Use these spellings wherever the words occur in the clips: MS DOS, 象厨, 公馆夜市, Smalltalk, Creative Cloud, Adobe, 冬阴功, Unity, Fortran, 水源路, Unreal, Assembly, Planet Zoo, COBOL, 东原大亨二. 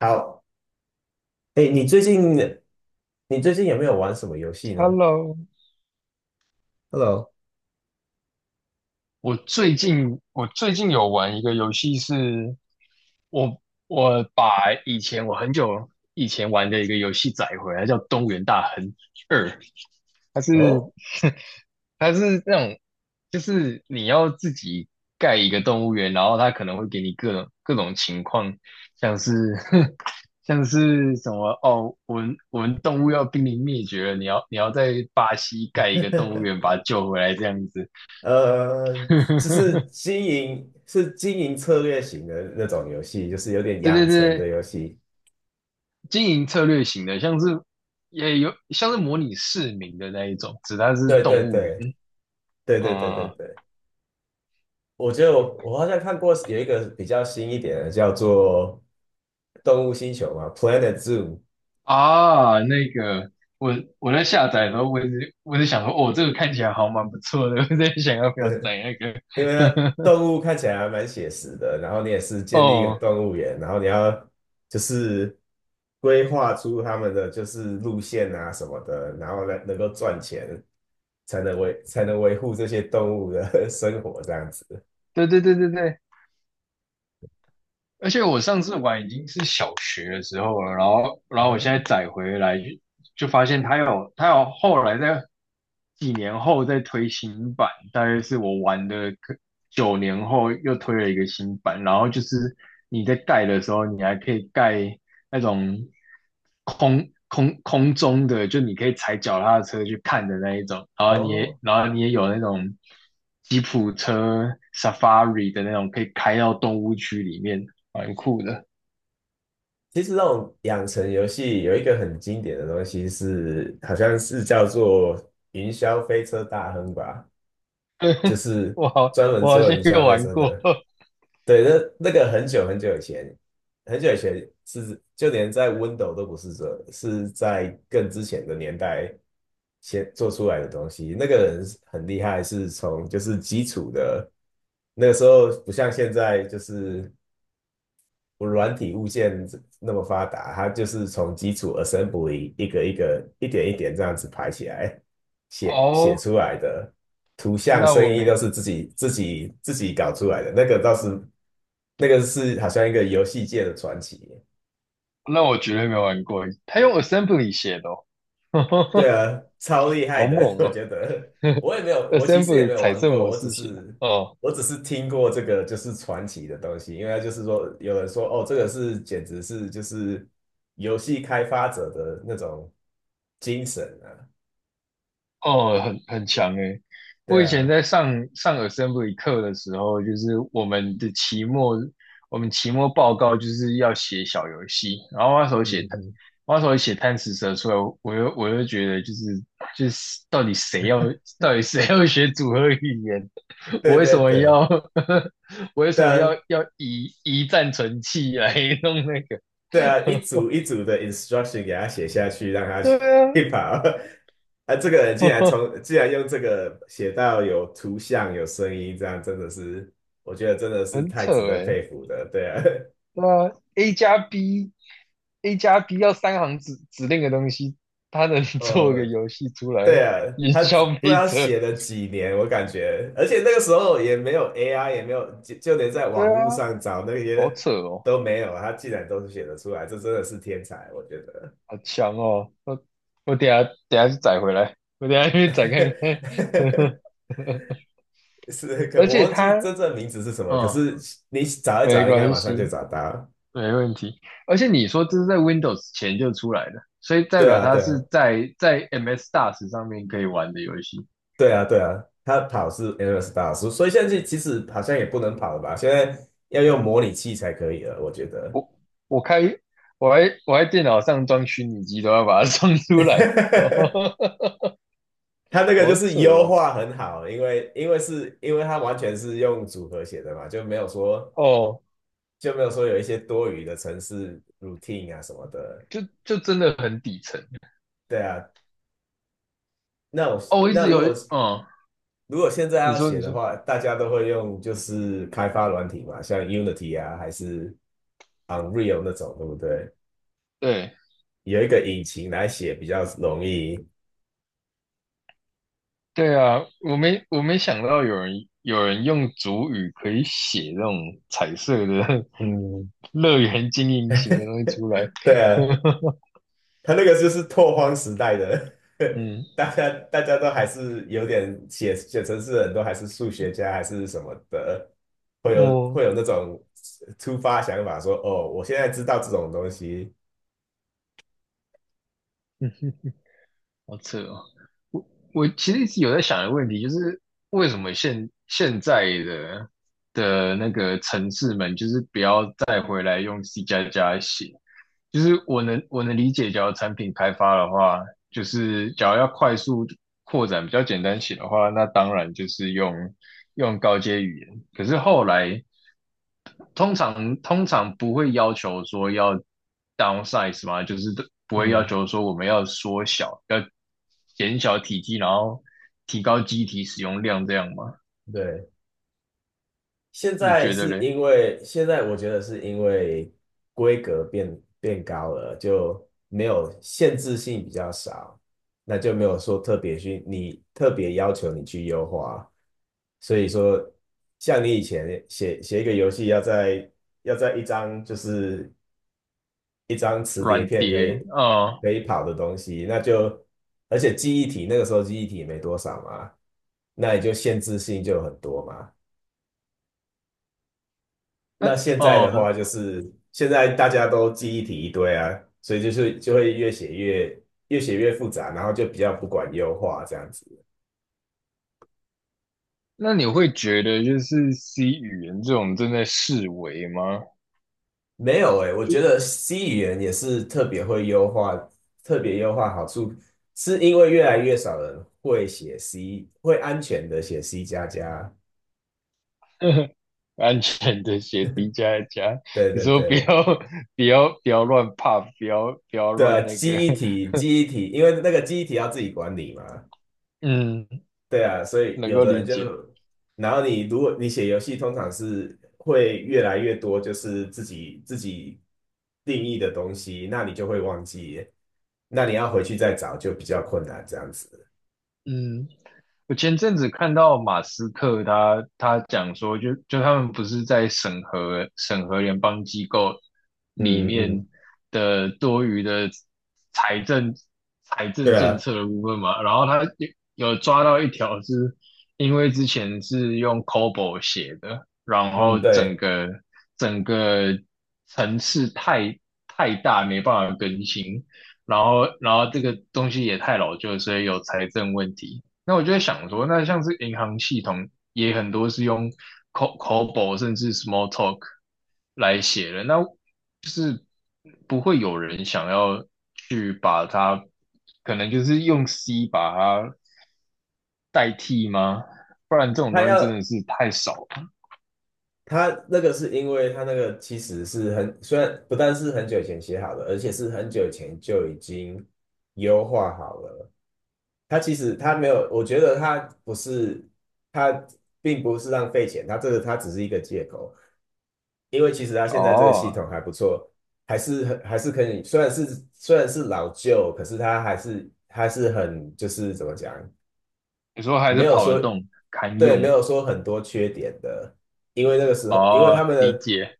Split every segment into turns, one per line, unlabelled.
好。哎，你最近你最近有没有玩什么游戏呢？
Hello，
Hello。
我最近有玩一个游戏是，我我把以前我很久以前玩的一个游戏载回来，叫《东原大亨二》，它是
哦。
它是那种就是你要自己盖一个动物园，然后它可能会给你各种情况，像是 像是什么哦，我们动物要濒临灭绝了，你要在巴西盖一个动物园 把它救回来这样子。
呃，就 是经营策略型的那种游戏，就是有点
对
养
对
成的
对，
游戏。
经营策略型的，像是也有像是模拟市民的那一种，只它是
对
动
对
物园。
对对对，
嗯
我觉得我好像看过有一个比较新一点的，叫做《动物星球》嘛，《Planet Zoo》。
啊，那个我在下载的时候，我是想说，哦，这个看起来好蛮不错的，我在想要不要
对。
载那个。
因为呢，动物看起来还蛮写实的，然后你也 是建立一个
哦，
动物园，然后你要就是规划出他们的就是路线啊什么的，然后呢能够赚钱，才能维护这些动物的 生活这样子。
对对对对对，而且我上次玩已经是小学的时候了，然后我现在
嗯。
载回来就发现它有后来在几年后再推新版，大约是我玩的可9年后又推了一个新版，然后就是你在盖的时候，你还可以盖那种空中的，就你可以踩脚踏车去看的那一种，
哦。
然后你也有那种吉普车 Safari 的那种，可以开到动物区里面，蛮酷的。
其实那种养成游戏有一个很经典的东西是，好像是叫做云霄飞车大亨吧。就是
我好，
专门
我好
做
像
云消
有
费
玩
车
过
的。对，那那个很久很久以前，很久以前是就连在 Windows 都不是这，是在更之前的年代先做出来的东西。那个人很厉害，是从就是基础的，那个时候不像现在就是我软体物件那么发达，它就是从基础 assembly 一个一个、一点一点这样子排起来，写
哦，
出来的图像、
那
声
我没，
音都是自己搞出来的。那个倒是，那个是好像一个游戏界的传奇。
那我绝对没玩过。他用 Assembly 写的哦，
对 啊，超厉害
好
的，
猛
我
哦
觉得。我也没 有，我其实也
，Assembly
没有
彩
玩
色
过，
模式写的哦。
我只是听过这个就是传奇的东西，因为它就是说有人说哦，这个是简直是就是游戏开发者的那种精神啊。
哦，很强诶。我
对
以前
啊。
在上 Assembl 课的时候，就是我们的期末，我们期末报告就是要写小游戏，然后那时候写
嗯
贪，
嗯。
我那时候写贪吃蛇出来，我又觉得就是到底谁要学组合语言，我
对
为
对
什么
对。
要 我为
对
什么
啊。
要以一战存器来弄那个？
对啊，一组一组的 instruction 给他写下去，让他
对
去
啊，
跑。啊，这个人竟然竟然用这个写到有图像、有声音，这样真的是，我觉得真的 是
很
太
扯
值得
诶。
佩服的。对啊。
对啊，A 加 B 要3行指令的东西，他能 做个
呃，
游戏出
对
来
啊，
营
他只
销
不知
没
道
车？
写了几年，我感觉，而且那个时候也没有 AI，也没有，就连在
对
网
啊，
络上找那
好
些
扯哦，
都没有，他竟然都是写得出来，这真的是天才，我觉得。
好强哦！我等一下去载回来，我等一下去载看看。
是可
而
我
且
忘记
他，
真正名字是什么，可
嗯，
是你找一
没
找，应该
关
马上就
系，
找到。
没问题。而且你说这是在 Windows 前就出来的，所以代
对
表
啊，
它
对啊。
是在 MS DOS 上面可以玩的游戏。
对啊，对啊，他跑是 e n e s s s 所以现在其实好像也不能跑了吧？现在要用模拟器才可以了，我觉得。
我我开我还我来电脑上装虚拟机都要把它装出来。
他那个就
好
是
扯
优
哦，
化很好，因为他完全是用组合写的嘛，
哦，
就没有说有一些多余的程式 routine 啊什么的。
就真的很底层
对啊。那我
哦。我一
那
直
如
有，
果是。
嗯，
如果现在
你
要
说
写
你
的
说，
话，大家都会用就是开发软体嘛，像 Unity 啊，还是 Unreal 那种，对不对？
对
有一个引擎来写比较容易。
对啊，我没想到有人用主语可以写这种彩色的
嗯。
乐园经营型的东西出来。
对啊，他那个就是拓荒时代的，
嗯，
大家都还是有点写程式，人，都还是数学家还是什么的，会
我
有那种突发想法说，哦，我现在知道这种东西。
好扯哦！我我其实一直有在想一个问题，就是为什么现在的那个城市们，就是不要再回来用 C 加加写。就是我能理解，假如产品开发的话，就是假如要快速扩展、比较简单写的话，那当然就是用高阶语言。可是后来通常不会要求说要 downsize 嘛，就是不会要
嗯。
求说我们要缩小，要减小体积，然后提高机体使用量这样吗？
对，现
你
在
觉得
是
嘞？
因为现在我觉得是因为规格变高了，就没有限制性比较少，那就没有说特别去你特别要求你去优化，所以说像你以前写一个游戏要在要在一张就是一张磁碟
软
片
碟，哦
可以跑的东西，那就而且记忆体那个时候记忆体也没多少嘛，那也就限制性就很多嘛。那现在的
哦，
话，就是现在大家都记忆体一堆啊，所以就是就会越写越复杂，然后就比较不管优化这样子。
那你会觉得就是 C 语言这种正在式微吗？
没有诶，我
就
觉得 C 语言也是特别会优化，特别优化好处是因为越来越少人会写 C，会安全的写 C 加加。
安全的写 D 加一加，
对
你
对
说不要
对。
不要乱 p 不要
对啊，
乱那个，
记忆体，因为那个记忆体要自己管理嘛。
嗯，
对啊，所以
能
有
够
的
理
人就，
解，
然后你如果你写游戏，通常是会越来越多，就是自己定义的东西，那你就会忘记，那你要回去再找就比较困难，这样子。
嗯。我前阵子看到马斯克他讲说就他们不是在审核联邦机构里
嗯嗯。
面的多余的财政财政
对
政
啊。
策的部分嘛，然后他有抓到一条是，因为之前是用 COBOL 写的，然
嗯
后整
对，
个整个层次太大，没办法更新，然后这个东西也太老旧，所以有财政问题。那我就在想说，那像是银行系统也很多是用 COBOL 甚至 small talk 来写的，那就是不会有人想要去把它，可能就是用 C 把它代替吗？不然这种
他
东西真的
要
是太少了。
他那个是因为他那个其实是很，虽然不但是很久以前写好的，而且是很久以前就已经优化好了。他其实他没有，我觉得他不是，他并不是浪费钱，他这个他只是一个借口，因为其实他现在这个系
哦，
统还不错，还是很还是可以，虽然是老旧，可是他还是很就是怎么讲，
你候还是
没有
跑得
说，
动，堪
对，没
用。
有说很多缺点的，因为那个时候，因为
哦，
他们
理
的，
解。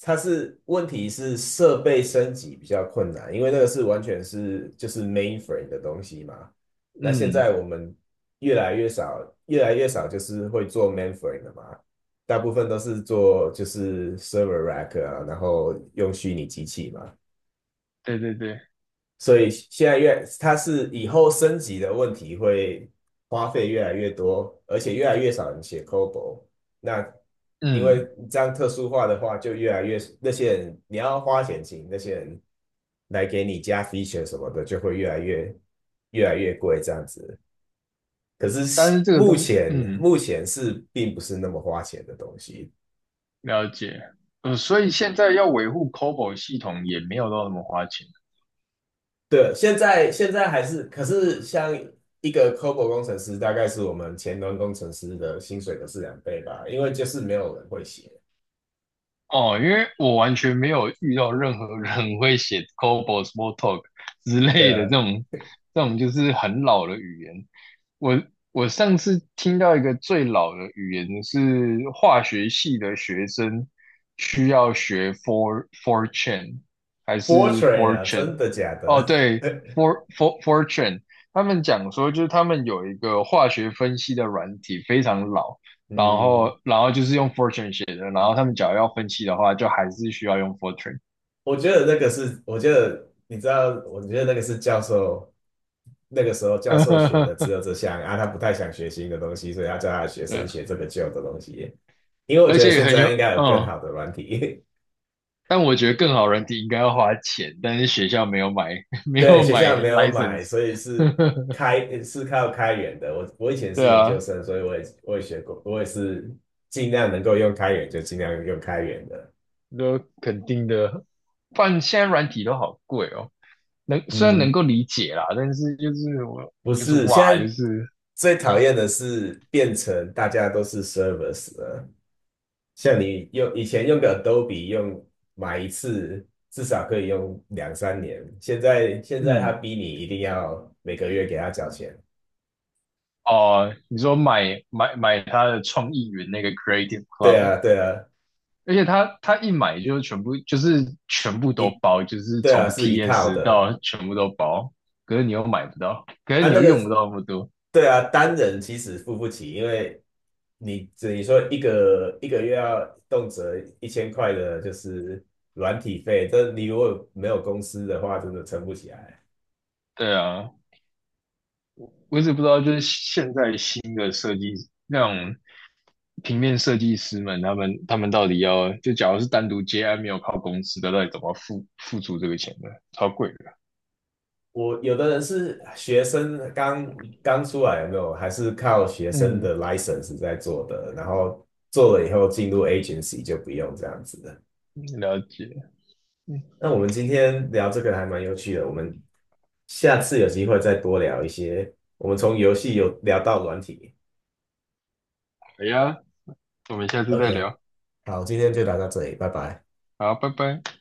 它是问题是设备升级比较困难，因为那个是完全是就是 mainframe 的东西嘛。那现
嗯，
在我们越来越少，越来越少就是会做 mainframe 的嘛，大部分都是做就是 server rack 啊，然后用虚拟机器嘛。
对对对，
所以现在越，它是以后升级的问题会花费越来越多，而且越来越少人写 COBOL。那因为
嗯，
这样特殊化的话，就越来越那些人你要花钱请那些人来给你加 feature 什么的，就会越来越贵这样子。可是
但是这个东，嗯。
目前是并不是那么花钱的东西，
了解，所以现在要维护 COBOL 系统也没有到那么花钱，
对，现在还是，可是像一个 COBOL 工程师，大概是我们前端工程师的薪水的是两倍吧，因为就是没有人会写。
哦，因为我完全没有遇到任何人 会写 COBOL、Smalltalk 之
对
类的这
啊
种这种就是很老的语言。我我上次听到一个最老的语言是化学系的学生需要学 for fortune 还是
，Fortran 啊，
fortune?
真的假
哦，
的？
对 ，for fortune,他们讲说就是他们有一个化学分析的软体非常老。然
嗯，
后然后就是用 Fortran 写的，然后他们假如要分析的话，就还是需要用 Fortran。
我觉得那个是，我觉得你知道，我觉得那个是那个时候教授学的只 有这项啊，他不太想学新的东西，所以他叫他的学生
对，
学这个旧的东西。因为我
而
觉得
且
现
很有，
在应该有更
嗯，
好的软体。
但我觉得更好软体应该要花钱，但是学校没有买，没
对，
有
学
买
校没有买，
license。
所以是 开是靠开源的。我以前
对
是研究
啊，
生，所以我也学过，我也是尽量能够用开源就尽量用开源的。
都肯定的，不然现在软体都好贵哦。虽然能
嗯，
够理解啦，但是就是我
不
就是
是，现
哇，就
在
是
最讨厌的是变成大家都是 service 了。像你用以前用个 Adobe 用买一次，至少可以用两三年，现在他
嗯
逼你一定要每个月给他缴钱。
哦，你说买他的创意云那个 Creative
对啊，
Cloud,
对啊，
而且他一买就全部就是全部都
一
包，就是
对啊，
从
是一套
PS
的。
到全部都包。可是你又买不到，可是
啊，
你
那
又用不
个
到那么多。
对啊，单人其实付不起，因为你说一个一个月要动辄一千块的，就是软体费，这你如果没有公司的话，真的撑不起来。
对啊，我只不知道就是现在新的设计那种平面设计师们，他们到底要就假如是单独接案没有靠公司的，到底怎么付出这个钱呢？超贵的。
我有的人是学生刚出来，有没有？还是靠学生
嗯，
的 license 在做的，然后做了以后进入 agency 就不用这样子。
了解。
那我们今天聊这个还蛮有趣的，我们下次有机会再多聊一些。我们从游戏有聊到软体。
好呀，我们下次再
OK，
聊。
好，今天就聊到这里，拜拜。
好，拜拜。